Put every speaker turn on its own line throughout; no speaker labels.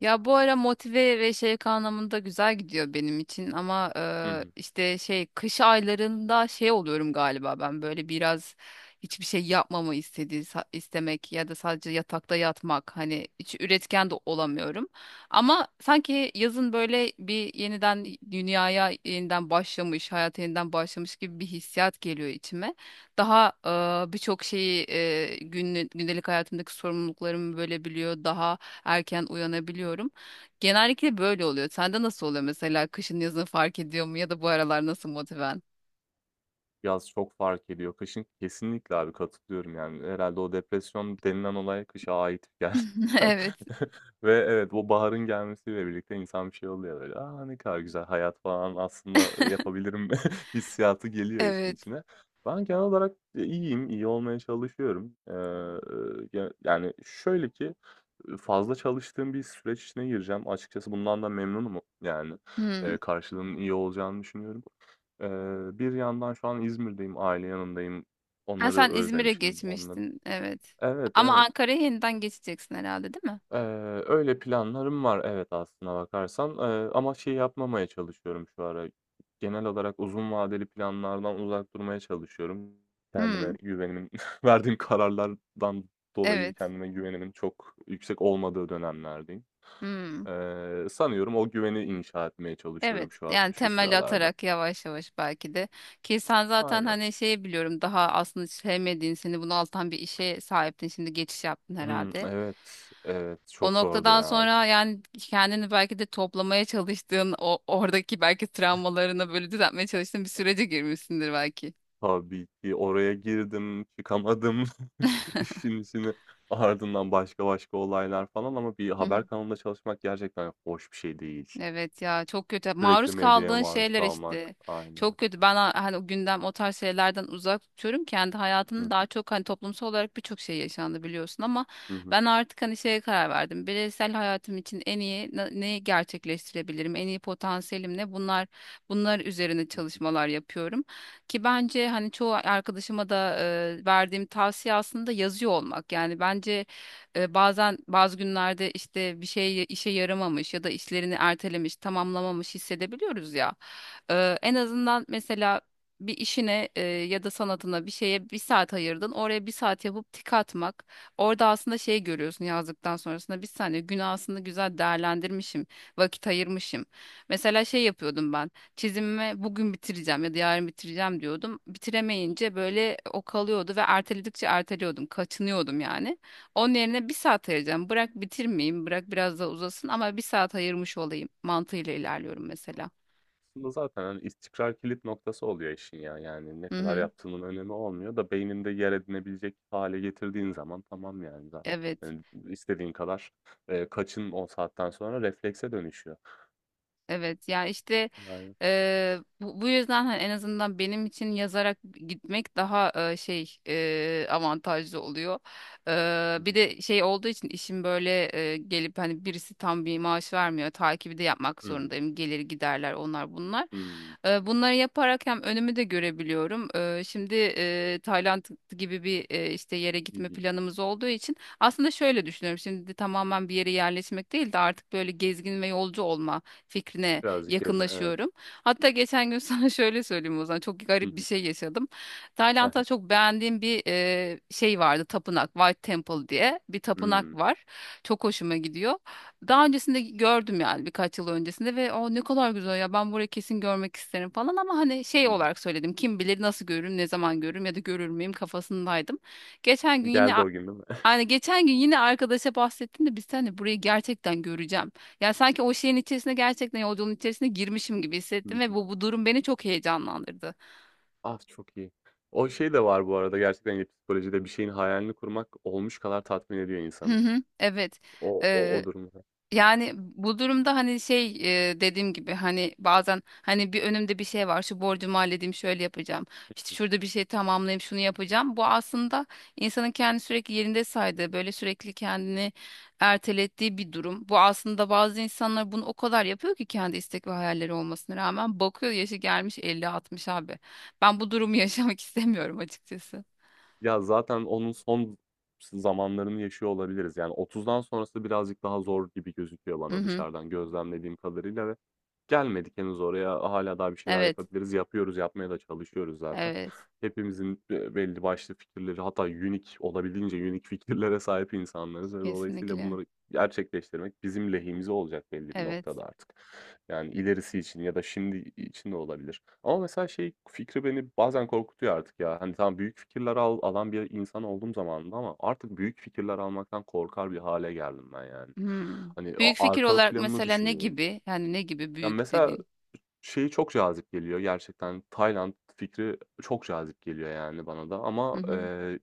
Ya bu ara motive ve şey anlamında güzel gidiyor benim için ama
Hı hı.
işte şey kış aylarında şey oluyorum galiba ben böyle biraz hiçbir şey yapmamı istemek ya da sadece yatakta yatmak hani hiç üretken de olamıyorum. Ama sanki yazın böyle bir yeniden dünyaya yeniden başlamış, hayata yeniden başlamış gibi bir hissiyat geliyor içime. Daha birçok şeyi gündelik hayatımdaki sorumluluklarımı bölebiliyor, daha erken uyanabiliyorum. Genellikle böyle oluyor. Sende nasıl oluyor mesela? Kışın yazın fark ediyor mu, ya da bu aralar nasıl motiven?
Yaz çok fark ediyor. Kışın kesinlikle abi katılıyorum yani. Herhâlde o depresyon denilen olay kışa ait gerçekten
Evet,
ve evet, bu baharın gelmesiyle birlikte insan bir şey oluyor böyle, "A, ne kadar güzel hayat falan aslında yapabilirim." hissiyatı geliyor işin
evet.
içine. Ben genel olarak, iyiyim, iyi olmaya çalışıyorum. Ya yani şöyle ki, fazla çalıştığım bir süreç içine gireceğim. Açıkçası bundan da memnunum yani.
Hmm.
Karşılığının iyi olacağını düşünüyorum. Eee, bir yandan şu an İzmir'deyim, aile yanındayım.
Ha,
Onları
sen İzmir'e
özlemişim. Onları
geçmiştin, evet.
evet,
Ama
evet.
Ankara'ya yeniden geçeceksin herhalde, değil mi?
Eee, öyle planlarım var evet aslına bakarsan, ama şey yapmamaya çalışıyorum şu ara. Genel olarak uzun vadeli planlardan uzak durmaya çalışıyorum. Kendime
Hmm.
güvenimin verdiğim kararlardan dolayı
Evet.
kendime güvenimin çok yüksek olmadığı dönemlerdeyim.
Hmm.
Sanıyorum o güveni inşa etmeye
Evet.
çalışıyorum
Yani
şu
temel
sıralarda.
atarak yavaş yavaş, belki de. Ki sen zaten
Aynen.
hani şeyi biliyorum, daha aslında sevmediğin, seni bunaltan bir işe sahiptin. Şimdi geçiş yaptın
Hımm,
herhalde.
evet, evet.
O
Çok zordu
noktadan
ya.
sonra yani kendini belki de toplamaya çalıştığın, o oradaki belki travmalarını böyle düzeltmeye çalıştığın bir sürece girmişsindir belki.
Tabii ki oraya girdim, çıkamadım işin içine. Ardından başka başka olaylar falan ama bir
Hı
haber
hı.
kanalında çalışmak gerçekten hoş bir şey değil.
Evet ya, çok kötü.
Sürekli
Maruz
medyaya
kaldığın
maruz
şeyler
kalmak.
işte.
Aynen.
Çok kötü. Hani o gündem, o tarz şeylerden uzak tutuyorum. Kendi
Hı
hayatımın
hı,
daha çok, hani, toplumsal olarak birçok şey yaşandı, biliyorsun, ama
hı hı.
ben artık hani şeye karar verdim. Bireysel hayatım için en iyi neyi gerçekleştirebilirim? En iyi potansiyelim ne? Bunlar üzerine çalışmalar yapıyorum. Ki bence, hani, çoğu arkadaşıma da verdiğim tavsiye aslında yazıyor olmak. Yani bence bazen bazı günlerde işte bir şey işe yaramamış ya da işlerini ertelemiş, tamamlamamış hissedebiliyoruz ya. En azından mesela bir işine ya da sanatına, bir şeye bir saat ayırdın. Oraya bir saat yapıp tik atmak. Orada aslında şey görüyorsun, yazdıktan sonrasında bir saniye, günü aslında güzel değerlendirmişim. Vakit ayırmışım. Mesela şey yapıyordum ben. Çizimimi bugün bitireceğim ya da yarın bitireceğim diyordum. Bitiremeyince böyle o kalıyordu ve erteledikçe erteliyordum. Kaçınıyordum yani. Onun yerine bir saat ayıracağım. Bırak bitirmeyeyim, bırak biraz daha uzasın, ama bir saat ayırmış olayım mantığıyla ilerliyorum mesela.
Aslında zaten hani istikrar kilit noktası oluyor işin ya. Yani ne
Hı
kadar
hı.
yaptığının önemi olmuyor da beyninde yer edinebilecek hale getirdiğin zaman tamam yani zaten.
Evet.
Yani istediğin kadar kaçın o saatten sonra reflekse dönüşüyor.
Evet, yani işte,
Yani.
bu yüzden, hani, en azından benim için yazarak gitmek daha avantajlı oluyor.
Hı
Bir
hı,
de şey olduğu için işim, böyle, gelip hani birisi tam bir maaş vermiyor. Takibi de yapmak
hı hı,
zorundayım. Gelir giderler, onlar bunlar.
hı hı.
Bunları yaparak hem önümü de görebiliyorum. Şimdi, Tayland gibi bir, işte, yere
Hı
gitme
hı.
planımız olduğu için aslında şöyle düşünüyorum. Şimdi tamamen bir yere yerleşmek değil de artık böyle gezgin ve yolcu olma fikrine
Birazcık gezme, evet.
yakınlaşıyorum. Hatta geçen gün sana şöyle söyleyeyim, o zaman çok
Hı
garip bir
hı.
şey yaşadım.
He he.
Tayland'da çok beğendiğim bir şey vardı, tapınak, White Temple diye bir tapınak
Hımm.
var. Çok hoşuma gidiyor. Daha öncesinde gördüm, yani birkaç yıl öncesinde, ve o ne kadar güzel ya, ben burayı kesin görmek isterim falan, ama hani şey
Hı hı.
olarak söyledim, kim bilir nasıl görürüm, ne zaman görürüm ya da görür müyüm kafasındaydım. Geçen gün yine
Geldi o gün değil mi?
Geçen gün yine arkadaşa bahsettim de biz seninle burayı gerçekten göreceğim. Yani sanki o şeyin içerisine, gerçekten yolculuğun içerisine girmişim gibi
Hı
hissettim ve
hı.
bu durum beni çok heyecanlandırdı.
Ah, çok iyi. O şey de var bu arada gerçekten, hani, psikolojide bir şeyin hayalini kurmak olmuş kadar tatmin ediyor
Hı
insanı.
hı, evet.
O durumda.
Yani bu durumda, hani, şey, dediğim gibi, hani, bazen, hani, bir önümde bir şey var, şu borcumu halledeyim, şöyle yapacağım, işte
Hı.
şurada bir şey tamamlayayım, şunu yapacağım, bu aslında insanın kendi sürekli yerinde saydığı, böyle sürekli kendini ertelettiği bir durum. Bu aslında bazı insanlar bunu o kadar yapıyor ki, kendi istek ve hayalleri olmasına rağmen, bakıyor yaşı gelmiş elli altmış, abi ben bu durumu yaşamak istemiyorum açıkçası.
Ya, zaten onun son zamanlarını yaşıyor olabiliriz. Yani 30'dan sonrası birazcık daha zor gibi gözüküyor
Hı
bana
hı.
dışarıdan gözlemlediğim kadarıyla ve gelmedik henüz oraya. Hala daha bir şeyler
Evet,
yapabiliriz. Yapıyoruz, yapmaya da çalışıyoruz zaten.
evet,
Hepimizin, belli başlı fikirleri hatta unique olabildiğince unique fikirlere sahip insanlarız ve dolayısıyla
kesinlikle,
bunları gerçekleştirmek bizim lehimize olacak belli bir
evet.
noktada artık. Yani ilerisi için ya da şimdi için de olabilir. Ama mesela şey fikri beni bazen korkutuyor artık ya. Hani tamam büyük fikirler alan bir insan olduğum zamanında ama artık büyük fikirler almaktan korkar bir hale geldim ben yani.
Hmm.
Hani
Büyük fikir
arka
olarak
planını
mesela ne
düşünüyorum.
gibi? Yani ne gibi
Ya
büyük
mesela
dediğin?
şey çok cazip geliyor gerçekten. Tayland fikri çok cazip geliyor yani bana da
Hı
ama,
hı.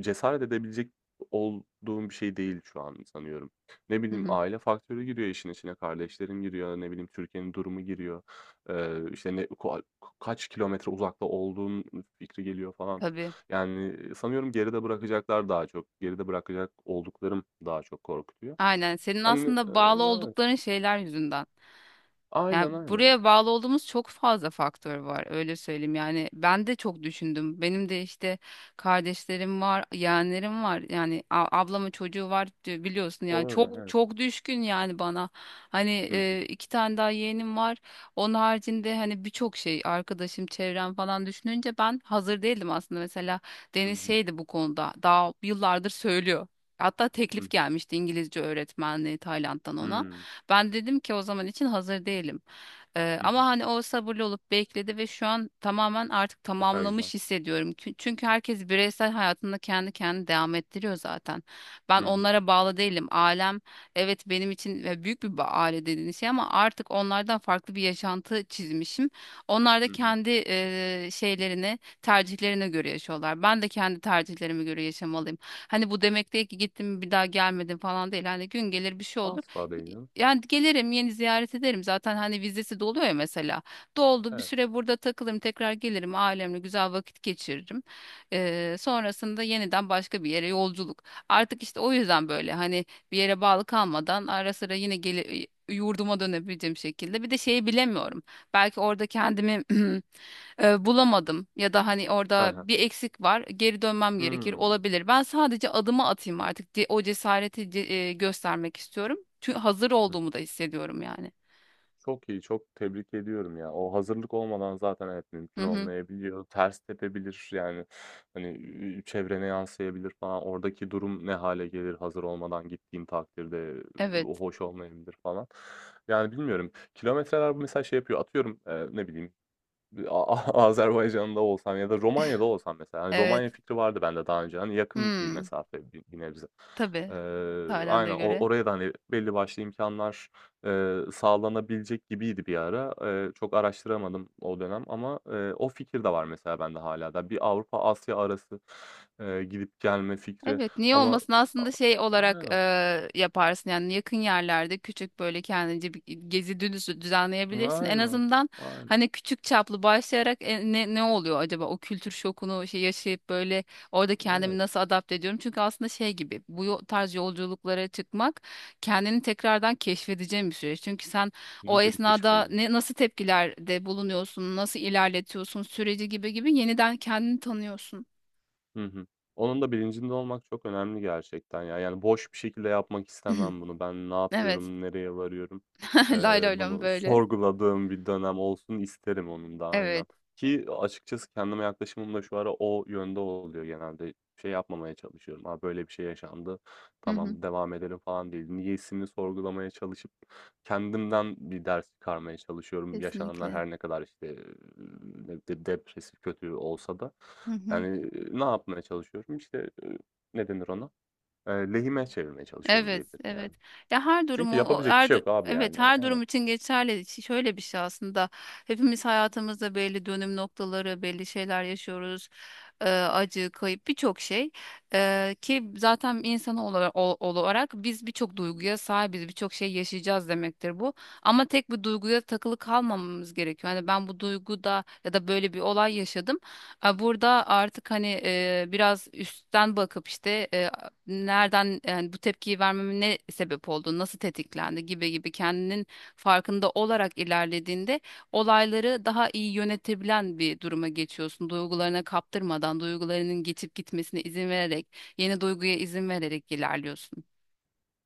cesaret edebilecek olduğum bir şey değil şu an sanıyorum. Ne
Hı
bileyim,
hı.
aile faktörü giriyor işin içine, kardeşlerim giriyor, ne bileyim, Türkiye'nin durumu giriyor. İşte, ne ko kaç kilometre uzakta olduğun fikri geliyor falan.
Tabii.
Yani, sanıyorum geride bırakacaklar daha çok, geride bırakacak olduklarım daha çok korkutuyor.
Aynen. Senin
Hani,
aslında bağlı
evet.
oldukların şeyler yüzünden. Yani
Aynen, aynen.
buraya bağlı olduğumuz çok fazla faktör var, öyle söyleyeyim. Yani ben de çok düşündüm. Benim de işte kardeşlerim var, yeğenlerim var. Ablamın çocuğu var, diyor, biliyorsun yani,
Doğru,
çok
evet.
çok düşkün yani bana. Hani,
Hı hı.
iki tane daha yeğenim var. Onun haricinde, hani, birçok şey, arkadaşım, çevrem falan düşününce ben hazır değildim aslında. Mesela
Hı
Deniz
hı.
şeydi bu konuda, daha yıllardır söylüyor. Hatta
Hı
teklif
hı.
gelmişti, İngilizce öğretmenliği Tayland'dan ona.
Hımm.
Ben dedim ki o zaman için hazır değilim.
Hı
Ama
hı.
hani, o sabırlı olup bekledi ve şu an tamamen artık
Ne kadar güzel.
tamamlamış hissediyorum. Çünkü herkes bireysel hayatında kendi kendini devam ettiriyor zaten. Ben
Hı hı.
onlara bağlı değilim. Ailem evet, benim için, ve büyük bir aile dediğiniz şey, ama artık onlardan farklı bir yaşantı çizmişim. Onlar da
Hı hı.
kendi şeylerini, tercihlerine göre yaşıyorlar. Ben de kendi tercihlerime göre yaşamalıyım. Hani bu demek değil ki gittim bir daha gelmedim falan, değil. Hani gün gelir, bir şey olur.
Asla değilim.
Yani gelirim, yeni ziyaret ederim, zaten hani vizesi doluyor ya mesela, doldu, bir
Evet.
süre burada takılırım, tekrar gelirim, ailemle güzel vakit geçiririm. Sonrasında yeniden başka bir yere yolculuk, artık işte o yüzden, böyle, hani, bir yere bağlı kalmadan ara sıra yine gele, yurduma dönebileceğim şekilde. Bir de şeyi bilemiyorum, belki orada kendimi bulamadım ya da hani
Hı
orada
hı.
bir eksik var, geri dönmem gerekir,
Hımm.
olabilir. Ben sadece adımı atayım artık. O cesareti göstermek istiyorum. Çünkü hazır
Hı
olduğumu
hı.
da hissediyorum yani.
Çok iyi, çok tebrik ediyorum ya. O hazırlık olmadan zaten evet
Hı
mümkün
hı.
olmayabiliyor. Ters tepebilir yani, hani, çevrene yansıyabilir falan. Oradaki durum ne hâle gelir hazır olmadan gittiğin takdirde, o
Evet.
hoş olmayabilir falan. Yani bilmiyorum. Kilometreler mesela şey yapıyor, atıyorum, ne bileyim A A Azerbaycan'da olsam ya da Romanya'da olsam mesela, hani,
Evet.
Romanya fikri vardı bende daha önce. Hani, yakın bir
Hmm.
mesafe bir nebze.
Tabii,
Eee,
Tayland'a
aynen
göre.
oraya da, hani, belli başlı imkanlar sağlanabilecek gibiydi bir ara. Çok araştıramadım o dönem ama, o fikir de var mesela bende hala da. Bir Avrupa-Asya arası, gidip gelme fikri
Evet, niye
ama
olmasın?
a
Aslında şey olarak
aynen,
yaparsın yani, yakın yerlerde küçük böyle kendince bir gezi dönüşü düzenleyebilirsin. En
aynen,
azından,
aynen.
hani, küçük çaplı başlayarak ne ne oluyor acaba o kültür şokunu, şey yaşayıp, böyle orada kendimi
Evet,
nasıl adapte ediyorum? Çünkü aslında şey gibi, bu tarz yolculuklara çıkmak kendini tekrardan keşfedeceğin bir süreç. Çünkü sen o
kesinlikle bir keşif
esnada
oluyor.
ne, nasıl tepkilerde bulunuyorsun, nasıl ilerletiyorsun süreci gibi gibi, yeniden kendini tanıyorsun.
Hı hı. Onun da bilincinde olmak çok önemli gerçekten ya. Yani boş bir şekilde yapmak istemem bunu. Ben ne
Evet.
yapıyorum, nereye varıyorum?
Lay lay lom
Bunu
böyle.
sorguladığım bir dönem olsun isterim onun da aynen.
Evet.
Ki açıkçası kendime yaklaşımım da şu ara o yönde oluyor genelde. Şey yapmamaya çalışıyorum. Ha böyle bir şey yaşandı.
Hı hı.
Tamam devam edelim falan değil. Niyesini sorgulamaya çalışıp kendimden bir ders çıkarmaya çalışıyorum. Yaşananlar
Kesinlikle.
her ne kadar, işte, ne de depresif, kötü olsa da.
Hı hı.
Yani, ne yapmaya çalışıyorum? İşte, ne denir ona? Lehime çevirmeye çalışıyorum
Evet,
diyebilirim
evet.
yani.
Ya her
Çünkü
durumu,
yapabilecek bir
her,
şey yok abi
evet,
yani.
her durum
Aynen.
için geçerli. Şöyle bir şey aslında. Hepimiz hayatımızda belli dönüm noktaları, belli şeyler yaşıyoruz. Acı, kayıp, birçok şey. Ki zaten insan olarak, biz birçok duyguya sahibiz, birçok şey yaşayacağız demektir bu. Ama tek bir duyguya takılı kalmamamız gerekiyor. Hani ben bu duyguda, ya da böyle bir olay yaşadım. Ha, burada artık, hani, biraz üstten bakıp, işte, nereden, yani bu tepkiyi vermeme ne sebep oldu, nasıl tetiklendi gibi gibi, kendinin farkında olarak ilerlediğinde olayları daha iyi yönetebilen bir duruma geçiyorsun. Duygularına kaptırmadan, duygularının geçip gitmesine izin vererek, yeni duyguya izin vererek ilerliyorsun.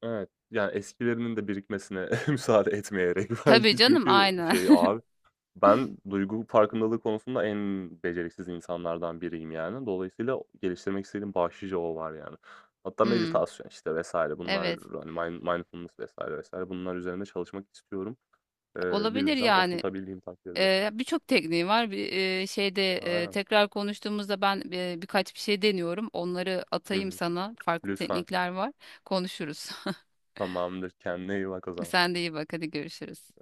Evet. Yani eskilerinin de birikmesine müsaade etmeyerek
Tabii
belki
canım,
çünkü
aynen.
şey abi. Ben duygu farkındalığı konusunda en beceriksiz insanlardan biriyim yani. Dolayısıyla geliştirmek istediğim başlıca o var yani. Hatta
Hmm,
meditasyon işte vesaire bunlar
evet,
hani mindfulness vesaire vesaire bunlar üzerinde çalışmak istiyorum. Bir
olabilir
düzen
yani.
oturtabildiğim takdirde.
Birçok tekniği var. Bir şeyde,
Aynen.
tekrar konuştuğumuzda ben birkaç bir şey deniyorum. Onları
Hı
atayım
hı.
sana. Farklı
Lütfen.
teknikler var. Konuşuruz.
Tamamdır. Kendine iyi bak o zaman.
Sen de iyi bak, hadi görüşürüz.